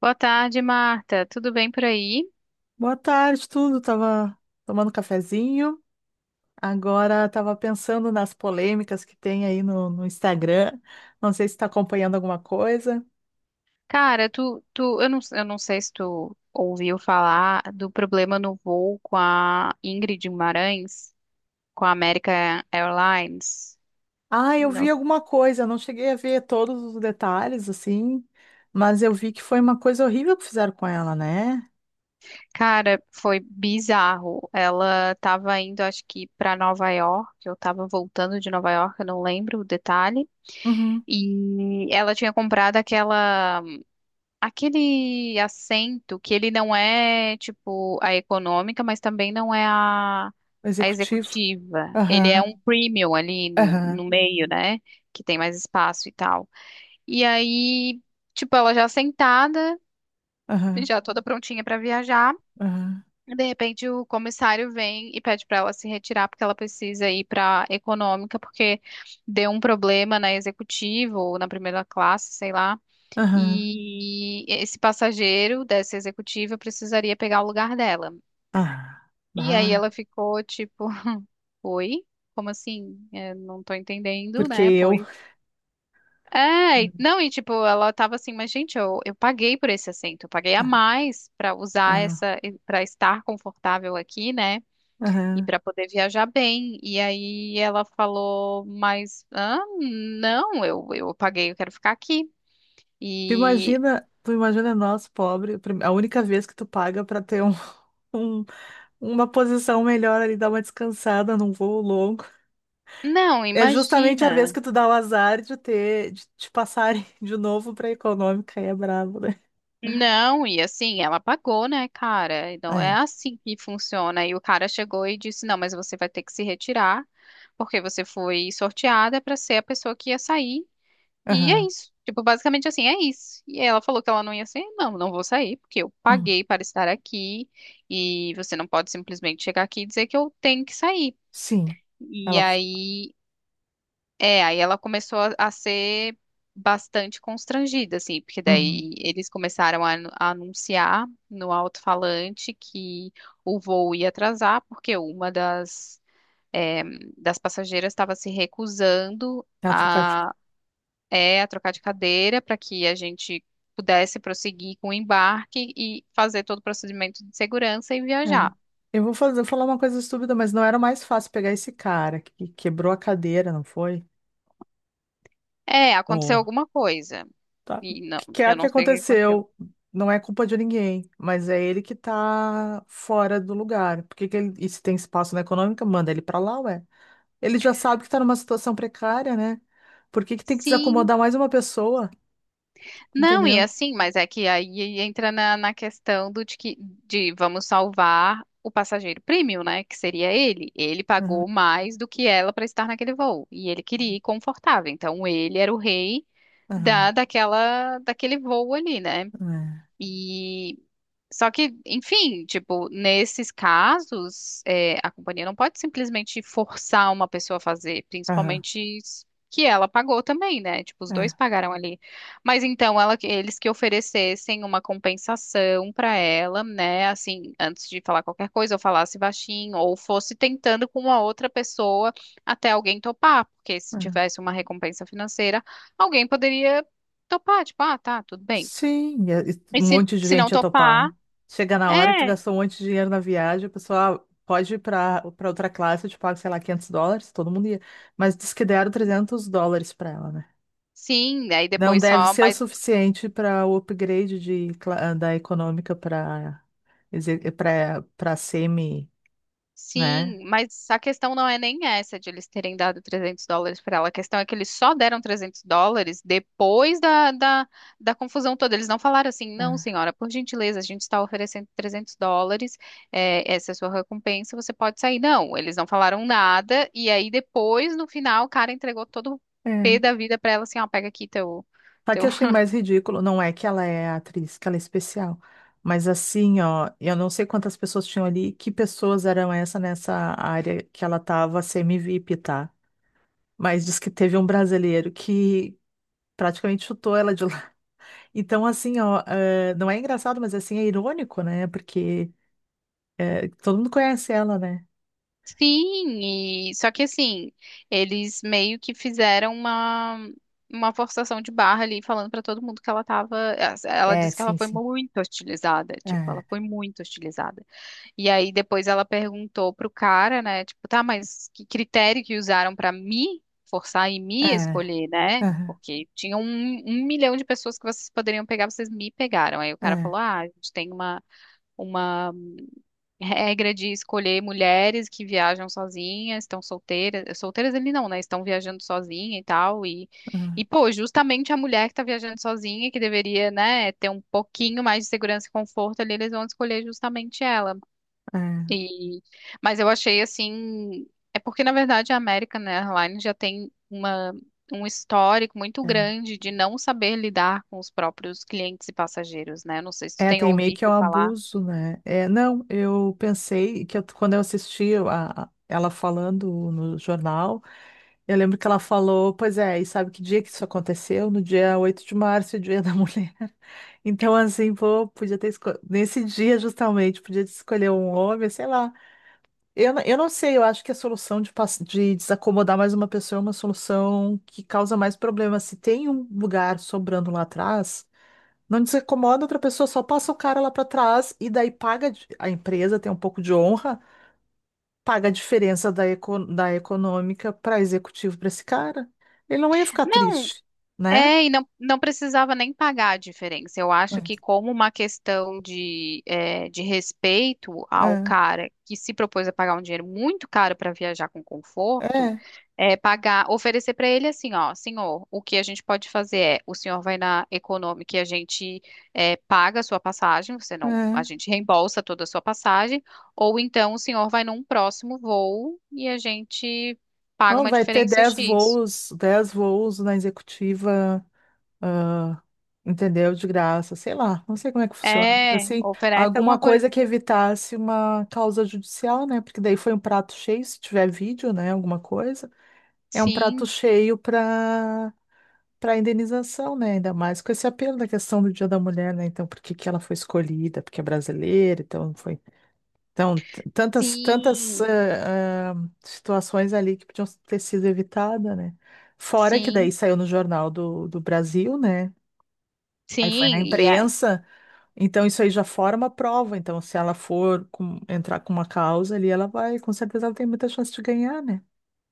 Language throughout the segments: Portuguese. Boa tarde, Marta. Tudo bem por aí? Boa tarde, tudo. Tava tomando cafezinho. Agora tava pensando nas polêmicas que tem aí no Instagram. Não sei se está acompanhando alguma coisa. Cara, tu, tu, eu não sei se tu ouviu falar do problema no voo com a Ingrid Guimarães, com a American Airlines. Ah, eu vi Não. alguma coisa. Não cheguei a ver todos os detalhes, assim, mas eu vi que foi uma coisa horrível que fizeram com ela, né? Cara, foi bizarro. Ela estava indo, acho que para Nova York, eu estava voltando de Nova York, eu não lembro o detalhe. Uhum. E ela tinha comprado aquela Aquele assento que ele não é, tipo, a econômica, mas também não é O a executivo. executiva. Ele é um Aham, premium ali no, aham, no meio, né? Que tem mais espaço e tal. E aí, tipo, ela já sentada, aham, já toda prontinha para viajar. aham, De repente, o comissário vem e pede para ela se retirar porque ela precisa ir para econômica porque deu um problema na executiva ou na primeira classe, sei lá. aham. E esse passageiro dessa executiva precisaria pegar o lugar dela. Ah, E aí bah. ela ficou tipo, oi? Como assim? É, não tô entendendo, Porque né? eu. Pois. É, e- não, e tipo, ela tava assim, mas gente, eu paguei por esse assento, eu paguei a Ah, mais pra usar ah, essa, pra estar confortável aqui, né? E aham. pra poder viajar bem. E aí ela falou, mas, ah, não, eu paguei, eu quero ficar aqui. Tu E imagina, tu imagina nós, pobre, a única vez que tu paga pra ter um, um- uma posição melhor ali, dar uma descansada num voo longo. não, É justamente a vez imagina. que tu dá o azar de te passarem de novo pra econômica, aí é brabo, né? Não, e assim, ela pagou, né, cara? Então é É. assim que funciona. E o cara chegou e disse: não, mas você vai ter que se retirar, porque você foi sorteada para ser a pessoa que ia sair. E é Aham. isso. Tipo, basicamente assim, é isso. E ela falou que ela não ia sair. Não, não vou sair, porque eu Hum. paguei para estar aqui. E você não pode simplesmente chegar aqui e dizer que eu tenho que sair. Sim. E Ela. aí aí ela começou a ser bastante constrangida, assim, porque Uhum. daí eles começaram a anunciar no alto-falante que o voo ia atrasar, porque uma é, das passageiras estava se recusando Ela trocar de. a trocar de cadeira para que a gente pudesse prosseguir com o embarque e fazer todo o procedimento de segurança e É. viajar. Falar uma coisa estúpida, mas não era mais fácil pegar esse cara que quebrou a cadeira, não foi? É, aconteceu alguma coisa. Tá? O E não, que eu quer que não sei o que aconteceu. aconteceu, não é culpa de ninguém, mas é ele que tá fora do lugar. Por que que ele, e se tem espaço na econômica, manda ele pra lá, ué. Ele já sabe que tá numa situação precária, né? Por que que tem que Sim. desacomodar mais uma pessoa? Não, e Entendeu? assim, mas é que aí entra na questão do de que de vamos salvar o passageiro premium, né? Que seria ele. Ele Aham, pagou mais do que ela para estar naquele voo. E ele queria ir confortável. Então ele era o rei da, aham, daquela, daquele voo ali, né? é, E só que, enfim, tipo, nesses casos, é, a companhia não pode simplesmente forçar uma pessoa a fazer, aham, principalmente que ela pagou também, né? Tipo, os é, dois pagaram ali. Mas então eles que oferecessem uma compensação para ela, né? Assim, antes de falar qualquer coisa, ou falasse baixinho, ou fosse tentando com uma outra pessoa até alguém topar, porque se é. tivesse uma recompensa financeira, alguém poderia topar, tipo, ah, tá, tudo bem. Sim, e E um se, monte de se gente não ia topar, topar. Chega na é, hora que tu gastou um monte de dinheiro na viagem, o pessoal "Ah, pode ir para outra classe, eu te pago, sei lá, 500 dólares, todo mundo ia. Mas diz que deram 300 dólares para ela, né? sim, aí Não depois deve só, ser o mas suficiente para o upgrade da econômica para semi, né? sim, mas a questão não é nem essa de eles terem dado US$ 300 para ela, a questão é que eles só deram US$ 300 depois da confusão toda, eles não falaram assim, não, senhora, por gentileza, a gente está oferecendo US$ 300, é, essa é a sua recompensa, você pode sair, não, eles não falaram nada, e aí depois, no final, o cara entregou todo o É. pé É. da vida para ela, assim, ó, pega aqui teu, Sabe que teu. eu achei mais ridículo? Não é que ela é atriz, que ela é especial. Mas assim, ó, eu não sei quantas pessoas tinham ali, que pessoas eram essa nessa área que ela tava semi-VIP, tá? Mas diz que teve um brasileiro que praticamente chutou ela de lá. Então, assim, ó, não é engraçado, mas assim, é irônico, né? Porque todo mundo conhece ela, né? Sim, e só que assim, eles meio que fizeram uma forçação de barra ali, falando pra todo mundo que ela tava, ela É, disse que ela sim, foi sim. muito hostilizada, tipo, É, ela foi muito hostilizada. E aí depois ela perguntou pro cara, né, tipo, tá, mas que critério que usaram pra me forçar e me é, escolher, né? é, Porque tinha um, 1 milhão de pessoas que vocês poderiam pegar, vocês me pegaram. Aí o cara é, falou, ah, a gente tem uma regra de escolher mulheres que viajam sozinhas, estão solteiras, solteiras ele não, né? Estão viajando sozinha e tal, e pô, justamente a mulher que tá viajando sozinha, que deveria, né, ter um pouquinho mais de segurança e conforto ali, eles vão escolher justamente ela. é, é, E, mas eu achei assim, é porque na verdade a American Airlines já tem uma Um histórico muito é. grande de não saber lidar com os próprios clientes e passageiros, né? Não sei se tu É, tem tem meio que é o ouvido falar. abuso, né? É, não, eu pensei que quando eu assisti ela falando no jornal, eu lembro que ela falou, pois é, e sabe que dia que isso aconteceu? No dia 8 de março, Dia da Mulher. Então, assim, pô, podia ter escolhido, nesse dia justamente, podia ter escolher um homem, sei lá. Eu não sei, eu acho que a solução de desacomodar mais uma pessoa é uma solução que causa mais problemas. Se tem um lugar sobrando lá atrás. Não desincomoda outra pessoa, só passa o cara lá pra trás e daí a empresa, tem um pouco de honra, paga a diferença da econômica para executivo para esse cara. Ele não ia ficar Não. triste, né? É, e não, não precisava nem pagar a diferença. Eu acho que, como uma questão de, é, de respeito ao É, cara que se propôs a pagar um dinheiro muito caro para viajar com é, conforto, é. é pagar, oferecer para ele assim: ó, senhor, o que a gente pode fazer é: o senhor vai na Econômica e a gente é, paga a sua passagem, você não, a É. gente reembolsa toda a sua passagem, ou então o senhor vai num próximo voo e a gente paga Não, uma vai ter diferença X. 10 voos na executiva, ah, entendeu? De graça, sei lá, não sei como é que funciona, mas É, assim, oferece alguma alguma coisa. coisa que evitasse uma causa judicial, né? Porque daí foi um prato cheio, se tiver vídeo, né? Alguma coisa. É um prato Sim, cheio para indenização, né? Ainda mais com esse apelo da questão do Dia da Mulher, né? Então, por que que ela foi escolhida? Porque é brasileira, então foi. Então, tantas, tantas sim, eh, ah, situações ali que podiam ter sido evitadas, né? Fora que daí sim, saiu no Jornal do Brasil, né? Aí foi na sim. e a, imprensa, então isso aí já forma prova. Então, se ela for entrar com uma causa ali, ela vai, com certeza ela tem muita chance de ganhar, né?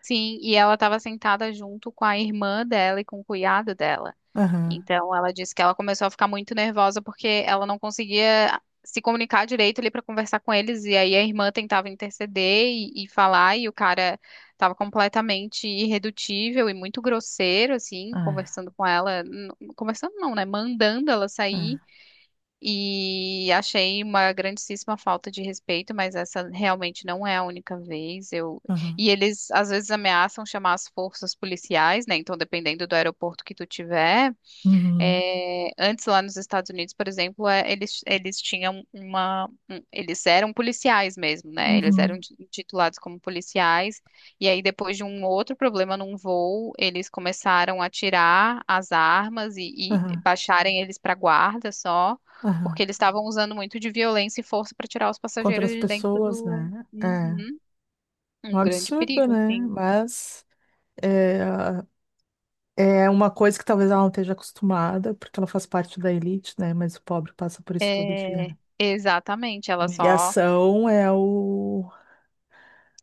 sim, e ela estava sentada junto com a irmã dela e com o cunhado dela. Aham. Então ela disse que ela começou a ficar muito nervosa porque ela não conseguia se comunicar direito ali para conversar com eles e aí a irmã tentava interceder e falar e o cara estava completamente irredutível e muito grosseiro assim, Ah, conversando com ela, n- conversando não, né, mandando ela sair. ah, E achei uma grandíssima falta de respeito, mas essa realmente não é a única vez. Eu... aham. E eles às vezes ameaçam chamar as forças policiais, né? Então, dependendo do aeroporto que tu tiver. Uhum. É, antes lá nos Estados Unidos, por exemplo, é, eles tinham uma, um- eles eram policiais mesmo, né? Eles eram Uhum. ti- titulados como policiais. E aí depois de um outro problema num voo, eles começaram a tirar as armas e Aham. baixarem eles para guarda só, porque Aham. eles estavam usando muito de violência e força para tirar os Contra passageiros as de dentro pessoas, do né? É Uhum. um Um grande absurdo, perigo, né? assim. Mas é, é uma coisa que talvez ela não esteja acostumada, porque ela faz parte da elite, né? Mas o pobre passa por isso todo dia, É, né? exatamente, ela só Humilhação é o.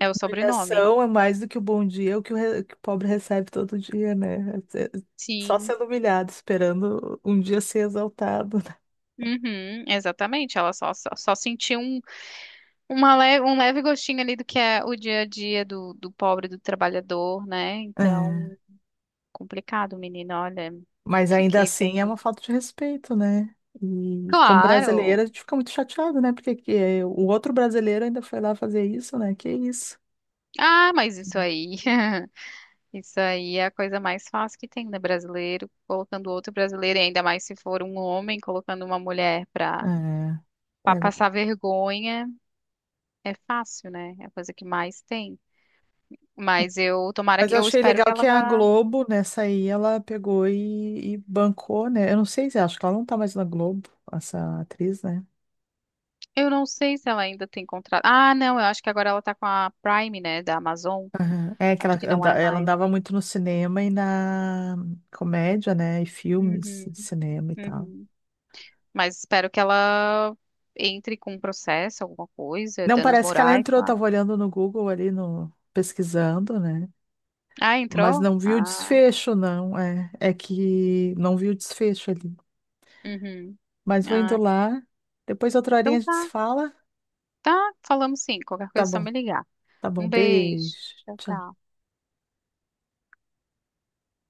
é o sobrenome. Humilhação é mais do que o bom dia, é o que que o pobre recebe todo dia, né? É. Só Sim. sendo humilhado, esperando um dia ser exaltado, né? Uhum, exatamente, ela só, só, só sentiu um, uma le- um leve gostinho ali do que é o dia a dia do pobre, do trabalhador, né? É. Então, complicado, menino, olha, Mas ainda fiquei assim bem. é uma falta de respeito, né? E como brasileira, Claro! a gente fica muito chateado, né? Porque que, o outro brasileiro ainda foi lá fazer isso, né? Que isso. Ah, mas isso aí, isso aí é a coisa mais fácil que tem, né? Brasileiro colocando outro brasileiro, e ainda mais se for um homem colocando uma mulher pra, É, pra é. passar vergonha, é fácil, né? É a coisa que mais tem. Mas eu, tomara Mas que, eu eu achei espero que legal que a ela. Globo, nessa aí, ela pegou e bancou, né? Eu não sei se acho que ela não tá mais na Globo, essa atriz, né? Eu não sei se ela ainda tem contrato. Ah, não, eu acho que agora ela tá com a Prime, né, da Amazon. Aham. É que Acho que não é ela mais. andava muito no cinema e na comédia, né? E filmes, Uhum, e cinema e tal. uhum. Mas espero que ela entre com um processo, alguma coisa, Não, danos parece que ela morais, entrou, sei lá. tava olhando no Google ali, no, pesquisando, né? Ah, Mas entrou? não vi o Ah, desfecho, não. É, é que não vi o desfecho ali. uhum. Mas vou indo Ah, lá. Depois outra horinha então a gente se tá. fala. Tá, falamos sim. Qualquer Tá coisa é só bom, me ligar. tá bom. Um Beijo. beijo. Tchau, Tchau. tchau.